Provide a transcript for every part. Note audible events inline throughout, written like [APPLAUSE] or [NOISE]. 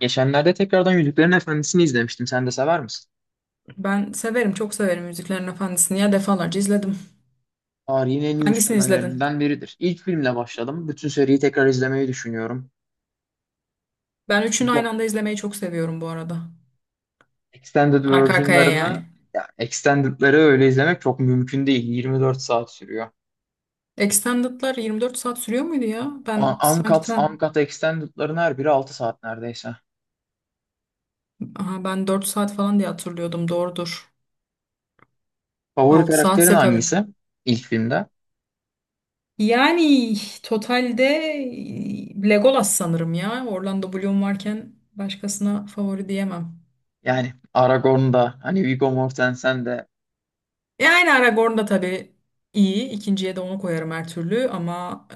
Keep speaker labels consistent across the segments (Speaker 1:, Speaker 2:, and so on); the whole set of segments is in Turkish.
Speaker 1: Geçenlerde tekrardan Yüzüklerin Efendisi'ni izlemiştim. Sen de sever misin?
Speaker 2: Ben severim, çok severim Müziklerin Efendisi'ni. Ya defalarca izledim.
Speaker 1: Tarihin en iyi
Speaker 2: Hangisini izledin?
Speaker 1: üçlemelerinden biridir. İlk filmle başladım. Bütün seriyi tekrar izlemeyi düşünüyorum.
Speaker 2: Ben üçünü aynı
Speaker 1: Bu
Speaker 2: anda izlemeyi çok seviyorum bu arada.
Speaker 1: Extended
Speaker 2: Arka arkaya
Speaker 1: version'larını,
Speaker 2: yani.
Speaker 1: ya extended'ları öyle izlemek çok mümkün değil. 24 saat sürüyor.
Speaker 2: Extended'lar 24 saat sürüyor muydu ya?
Speaker 1: A- Uncut, uncut extended'ların her biri 6 saat neredeyse.
Speaker 2: Aha, ben 4 saat falan diye hatırlıyordum. Doğrudur.
Speaker 1: Favori
Speaker 2: 6
Speaker 1: karakterin
Speaker 2: saatse tabii.
Speaker 1: hangisi ilk filmde?
Speaker 2: Yani totalde Legolas sanırım ya. Orlando Bloom varken başkasına favori diyemem.
Speaker 1: Yani Aragorn'da, hani Viggo Mortensen de
Speaker 2: E aynı Aragorn da tabii iyi. İkinciye de onu koyarım her türlü ama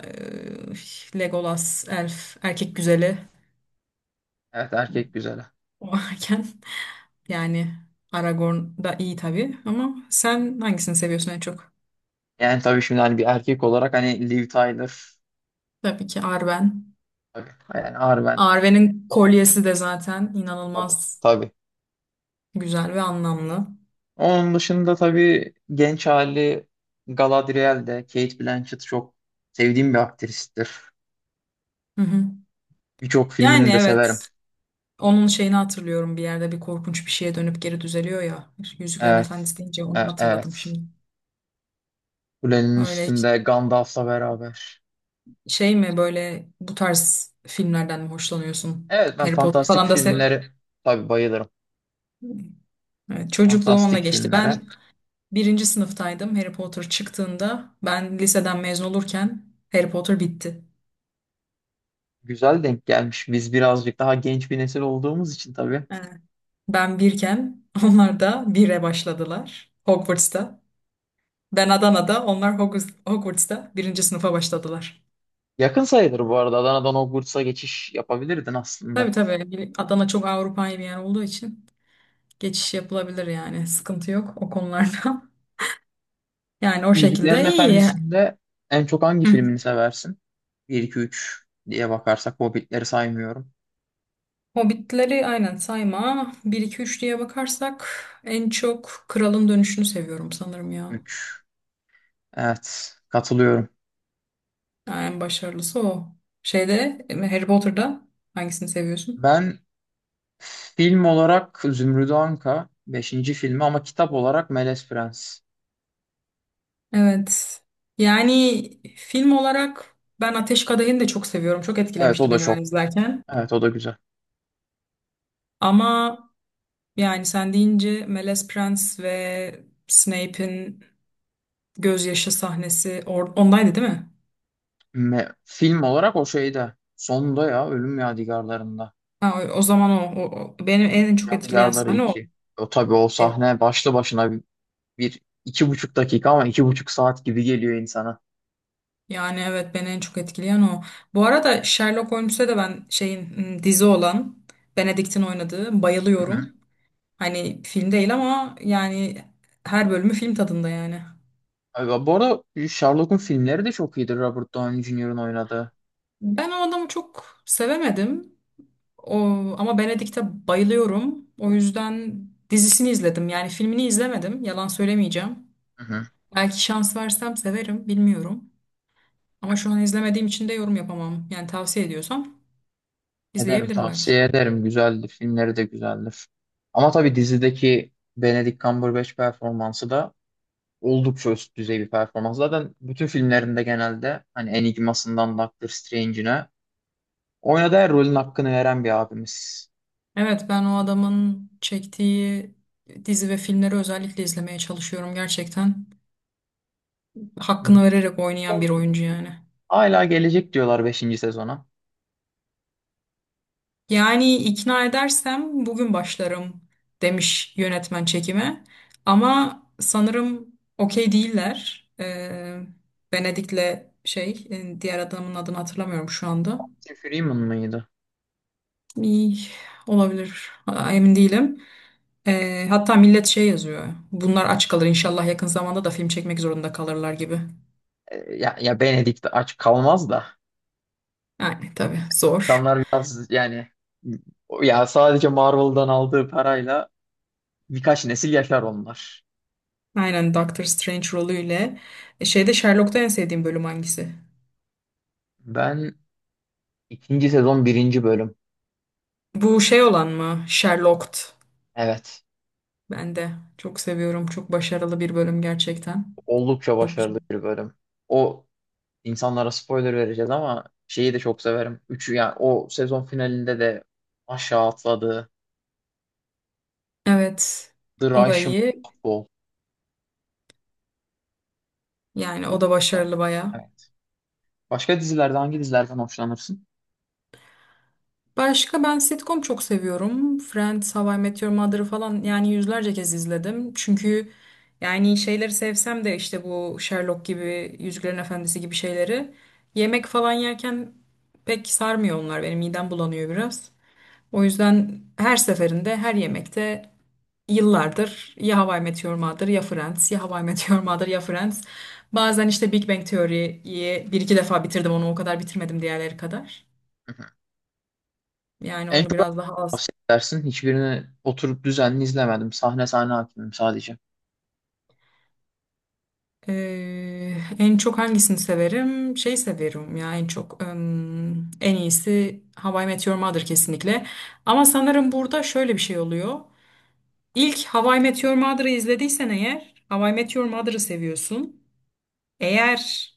Speaker 2: Legolas elf erkek güzeli
Speaker 1: evet erkek güzeli.
Speaker 2: o [LAUGHS] varken yani Aragorn da iyi tabii ama sen hangisini seviyorsun en çok?
Speaker 1: Yani tabii şimdi hani bir erkek olarak hani Liv Tyler.
Speaker 2: Tabii ki Arwen.
Speaker 1: Tabii. Yani Arwen.
Speaker 2: Arwen'in kolyesi de zaten
Speaker 1: Tabii.
Speaker 2: inanılmaz
Speaker 1: Tabii.
Speaker 2: güzel ve anlamlı.
Speaker 1: Onun dışında tabii genç hali Galadriel'de Kate Blanchett çok sevdiğim bir aktristir.
Speaker 2: Hı hı.
Speaker 1: Birçok
Speaker 2: Yani
Speaker 1: filmini de severim.
Speaker 2: evet, onun şeyini hatırlıyorum, bir yerde bir korkunç bir şeye dönüp geri düzeliyor ya. Yüzüklerin
Speaker 1: Evet.
Speaker 2: Efendisi deyince
Speaker 1: E-
Speaker 2: onu hatırladım
Speaker 1: evet.
Speaker 2: şimdi.
Speaker 1: Kulenin
Speaker 2: Öyle.
Speaker 1: üstünde Gandalf'la beraber.
Speaker 2: Şey mi, böyle bu tarz filmlerden mi hoşlanıyorsun?
Speaker 1: Evet, ben
Speaker 2: Harry Potter
Speaker 1: fantastik
Speaker 2: falan da sev.
Speaker 1: filmlere tabii bayılırım.
Speaker 2: Evet, çocukluğum onunla
Speaker 1: Fantastik
Speaker 2: geçti.
Speaker 1: filmlere.
Speaker 2: Ben birinci sınıftaydım Harry Potter çıktığında. Ben liseden mezun olurken Harry Potter bitti.
Speaker 1: Güzel denk gelmiş. Biz birazcık daha genç bir nesil olduğumuz için tabii.
Speaker 2: Evet. Ben birken [LAUGHS] onlar da bire başladılar Hogwarts'ta. Ben Adana'da, onlar Hogwarts'ta birinci sınıfa başladılar.
Speaker 1: Yakın sayılır bu arada. Adana'dan Hogwarts'a geçiş yapabilirdin
Speaker 2: Tabii
Speaker 1: aslında.
Speaker 2: tabii, Adana çok Avrupa'yı bir yer olduğu için geçiş yapılabilir yani, sıkıntı yok o konularda. [LAUGHS] Yani o
Speaker 1: Yüzüklerin
Speaker 2: şekilde iyi.
Speaker 1: Efendisi'nde en çok hangi
Speaker 2: Hı.
Speaker 1: filmini seversin? 1, 2, 3 diye bakarsak Hobbit'leri saymıyorum.
Speaker 2: Hobbitleri aynen sayma. Bir iki üç diye bakarsak en çok Kralın Dönüşü'nü seviyorum sanırım ya.
Speaker 1: 3. Evet, katılıyorum.
Speaker 2: Ha, en başarılısı o. Şeyde, Harry Potter'da hangisini seviyorsun?
Speaker 1: Ben film olarak Zümrüdü Anka beşinci filmi ama kitap olarak Melez Prens.
Speaker 2: Evet. Yani film olarak ben Ateş Kadehi'ni de çok seviyorum. Çok
Speaker 1: Evet, o
Speaker 2: etkilemişti
Speaker 1: da
Speaker 2: beni ben
Speaker 1: çok.
Speaker 2: izlerken.
Speaker 1: Evet, o da güzel.
Speaker 2: Ama yani sen deyince Melez Prens ve Snape'in gözyaşı sahnesi ondaydı değil mi?
Speaker 1: Film olarak o şeyde. Sonunda ya Ölüm Yadigarlarında.
Speaker 2: Ha, o, o zaman o, o- o- benim en çok etkileyen
Speaker 1: Yadigarları
Speaker 2: sahne o.
Speaker 1: 2. O tabii, o sahne başlı başına bir, bir 2,5 dakika ama 2,5 saat gibi geliyor insana.
Speaker 2: Yani evet, beni en çok etkileyen o. Bu arada Sherlock Holmes'e de ben dizi olan Benedict'in oynadığı bayılıyorum.
Speaker 1: [LAUGHS]
Speaker 2: Hani film değil ama yani her bölümü film tadında yani.
Speaker 1: Aga, bu arada Sherlock'un filmleri de çok iyidir, Robert Downey Jr.'ın oynadığı.
Speaker 2: Ben o adamı çok sevemedim. O, ama Benedict'e bayılıyorum. O yüzden dizisini izledim. Yani filmini izlemedim. Yalan söylemeyeceğim.
Speaker 1: Hı hı.
Speaker 2: Belki şans versem severim, bilmiyorum. Ama şu an izlemediğim için de yorum yapamam. Yani tavsiye ediyorsam
Speaker 1: Ederim,
Speaker 2: izleyebilirim belki.
Speaker 1: tavsiye ederim. Güzeldir. Filmleri de güzeldir. Ama tabii dizideki Benedict Cumberbatch performansı da oldukça üst düzey bir performans. Zaten bütün filmlerinde genelde hani Enigmas'ından Doctor Strange'ine oynadığı her rolün hakkını veren bir abimiz.
Speaker 2: Evet, ben o adamın çektiği dizi ve filmleri özellikle izlemeye çalışıyorum gerçekten.
Speaker 1: Hı.
Speaker 2: Hakkını vererek oynayan bir oyuncu yani.
Speaker 1: Hala gelecek diyorlar beşinci sezona.
Speaker 2: Yani ikna edersem bugün başlarım demiş yönetmen çekime. Ama sanırım okey değiller. Venedik'le diğer adamın adını hatırlamıyorum şu anda.
Speaker 1: Tim Freeman mıydı?
Speaker 2: İyi, olabilir. Ha, emin değilim. Hatta millet şey yazıyor. Bunlar aç kalır inşallah, yakın zamanda da film çekmek zorunda kalırlar gibi.
Speaker 1: Ya, Benedict aç kalmaz da.
Speaker 2: Yani tabii zor.
Speaker 1: İnsanlar biraz yani ya sadece Marvel'dan aldığı parayla birkaç nesil yaşar onlar.
Speaker 2: Aynen, Doctor Strange rolüyle. Şeyde Sherlock'ta en sevdiğim bölüm hangisi?
Speaker 1: Ben ikinci sezon birinci bölüm.
Speaker 2: Bu şey olan mı? Sherlocked.
Speaker 1: Evet.
Speaker 2: Ben de çok seviyorum. Çok başarılı bir bölüm gerçekten.
Speaker 1: Oldukça
Speaker 2: Çok güzel.
Speaker 1: başarılı bir bölüm. O, insanlara spoiler vereceğiz ama şeyi de çok severim. Üçü yani o sezon finalinde de aşağı atladı.
Speaker 2: Evet.
Speaker 1: The
Speaker 2: O da
Speaker 1: Russian
Speaker 2: iyi.
Speaker 1: Doll.
Speaker 2: Yani
Speaker 1: O-
Speaker 2: o da
Speaker 1: o da-
Speaker 2: başarılı bayağı.
Speaker 1: Evet. Başka dizilerde hangi dizilerden hoşlanırsın?
Speaker 2: Başka ben sitcom çok seviyorum. Friends, How I Met Your Mother'ı falan yani yüzlerce kez izledim. Çünkü yani şeyleri sevsem de işte bu Sherlock gibi, Yüzüklerin Efendisi gibi şeyleri yemek falan yerken pek sarmıyor onlar. Benim midem bulanıyor biraz. O yüzden her seferinde, her yemekte yıllardır ya How I Met Your Mother ya Friends, ya How I Met Your Mother ya Friends. Bazen işte Big Bang Theory'yi bir iki defa bitirdim, onu o kadar bitirmedim diğerleri kadar.
Speaker 1: Hı hı.
Speaker 2: Yani
Speaker 1: En
Speaker 2: onu
Speaker 1: çok hangisini
Speaker 2: biraz daha az.
Speaker 1: tavsiye edersin? Hiçbirini oturup düzenli izlemedim. Sahne sahne hakimim sadece.
Speaker 2: En çok hangisini severim? Şey severim ya en çok en iyisi How I Met Your Mother kesinlikle. Ama sanırım burada şöyle bir şey oluyor. İlk How I Met Your Mother'ı izlediysen eğer, How I Met Your Mother'ı seviyorsun. Eğer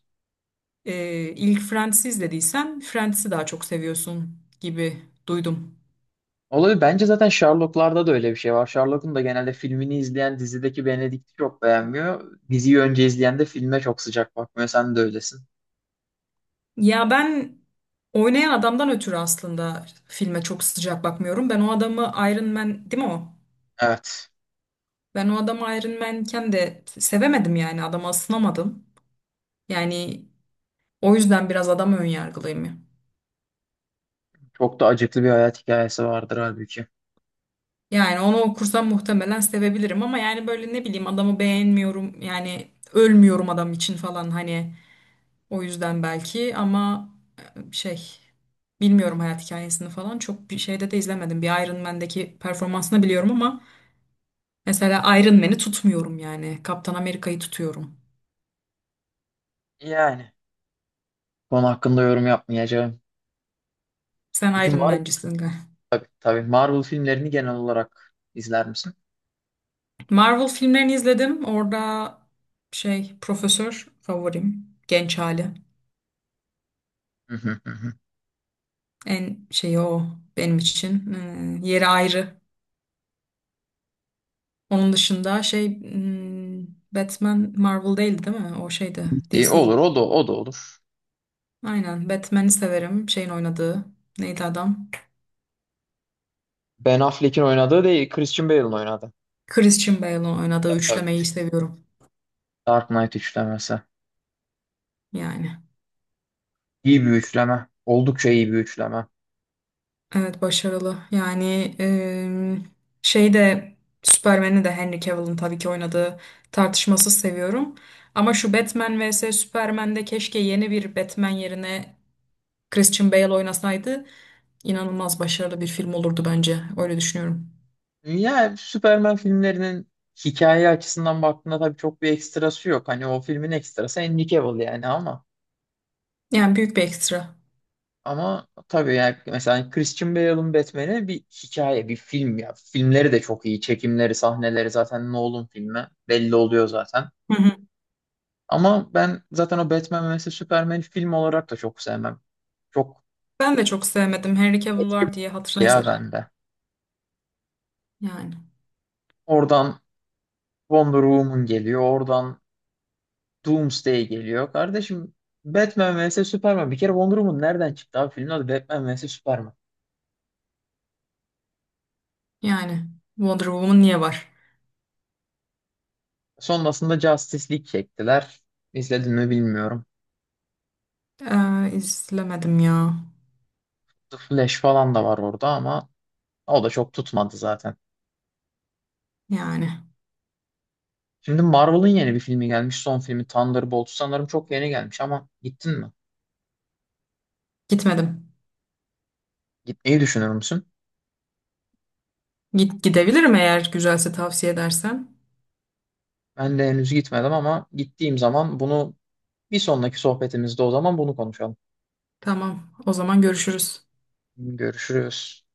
Speaker 2: e, ilk Friends'i izlediysen Friends'i daha çok seviyorsun gibi duydum.
Speaker 1: Olabilir. Bence zaten Sherlock'larda da öyle bir şey var. Sherlock'un da genelde filmini izleyen dizideki Benedict'i çok beğenmiyor. Diziyi önce izleyen de filme çok sıcak bakmıyor. Sen de öylesin.
Speaker 2: Ya ben oynayan adamdan ötürü aslında filme çok sıcak bakmıyorum. Ben o adamı, Iron Man değil mi o?
Speaker 1: Evet.
Speaker 2: Ben o adamı Iron Man'ken de sevemedim, yani adama ısınamadım. Yani o yüzden biraz adam önyargılıyım.
Speaker 1: Çok da acıklı bir hayat hikayesi vardır halbuki.
Speaker 2: Yani onu okursam muhtemelen sevebilirim ama yani böyle ne bileyim, adamı beğenmiyorum yani, ölmüyorum adam için falan hani, o yüzden belki, ama şey bilmiyorum, hayat hikayesini falan çok bir şeyde de izlemedim. Bir Iron Man'deki performansını biliyorum ama mesela Iron Man'i tutmuyorum yani. Kaptan Amerika'yı tutuyorum.
Speaker 1: Yani. Konu hakkında yorum yapmayacağım.
Speaker 2: Sen
Speaker 1: Peki
Speaker 2: Iron
Speaker 1: Marvel,
Speaker 2: Man'cisin galiba.
Speaker 1: tabii Marvel filmlerini genel olarak izler misin?
Speaker 2: Marvel filmlerini izledim. Orada şey profesör favorim. Genç hali.
Speaker 1: Hı hı hı hı.
Speaker 2: En şeyi o benim için. Yeri ayrı. Onun dışında şey Batman Marvel değildi değil mi? O şeydi,
Speaker 1: İyi,
Speaker 2: DC.
Speaker 1: olur, o da o da olur.
Speaker 2: Aynen, Batman'i severim. Şeyin oynadığı neydi adam?
Speaker 1: Ben Affleck'in oynadığı değil, Christian Bale'ın oynadığı.
Speaker 2: Christian Bale'ın oynadığı
Speaker 1: Tabii.
Speaker 2: üçlemeyi seviyorum.
Speaker 1: Dark Knight üçlemesi.
Speaker 2: Yani.
Speaker 1: İyi bir üçleme. Oldukça iyi bir üçleme.
Speaker 2: Evet, başarılı. Yani şey de Superman'i de Henry Cavill'ın tabii ki oynadığı tartışmasız seviyorum. Ama şu Batman vs Superman'de keşke yeni bir Batman yerine Christian Bale oynasaydı inanılmaz başarılı bir film olurdu bence. Öyle düşünüyorum.
Speaker 1: Ya, Superman filmlerinin hikaye açısından baktığında tabii çok bir ekstrası yok. Hani o filmin ekstrası Henry Cavill yani, ama
Speaker 2: Yani büyük bir ekstra.
Speaker 1: ama tabii yani mesela Christian Bale'ın Batman'i bir hikaye, bir film ya. Filmleri de çok iyi. Çekimleri, sahneleri zaten Nolan filmi belli oluyor zaten.
Speaker 2: Hı hı.
Speaker 1: Ama ben zaten o Batman ve mesela Superman film olarak da çok sevmem. Çok
Speaker 2: Ben de çok sevmedim. Henry Cavill
Speaker 1: etki
Speaker 2: var diye hatırına
Speaker 1: ya
Speaker 2: izledim.
Speaker 1: bende.
Speaker 2: Yani.
Speaker 1: Oradan Wonder Woman geliyor. Oradan Doomsday geliyor. Kardeşim, Batman vs Superman. Bir kere Wonder Woman nereden çıktı abi? Filmin adı Batman vs Superman.
Speaker 2: Yani. Wonder Woman niye var?
Speaker 1: Sonrasında Justice League çektiler. İzledin mi bilmiyorum.
Speaker 2: İzlemedim ya.
Speaker 1: The Flash falan da var orada ama o da çok tutmadı zaten.
Speaker 2: Yani.
Speaker 1: Şimdi Marvel'ın yeni bir filmi gelmiş. Son filmi Thunderbolts sanırım, çok yeni gelmiş ama gittin mi?
Speaker 2: Gitmedim.
Speaker 1: Gitmeyi düşünür müsün?
Speaker 2: Git, gidebilirim eğer güzelse, tavsiye edersen.
Speaker 1: Ben de henüz gitmedim ama gittiğim zaman bunu bir sonraki sohbetimizde o zaman bunu konuşalım.
Speaker 2: Tamam, o zaman görüşürüz.
Speaker 1: Görüşürüz.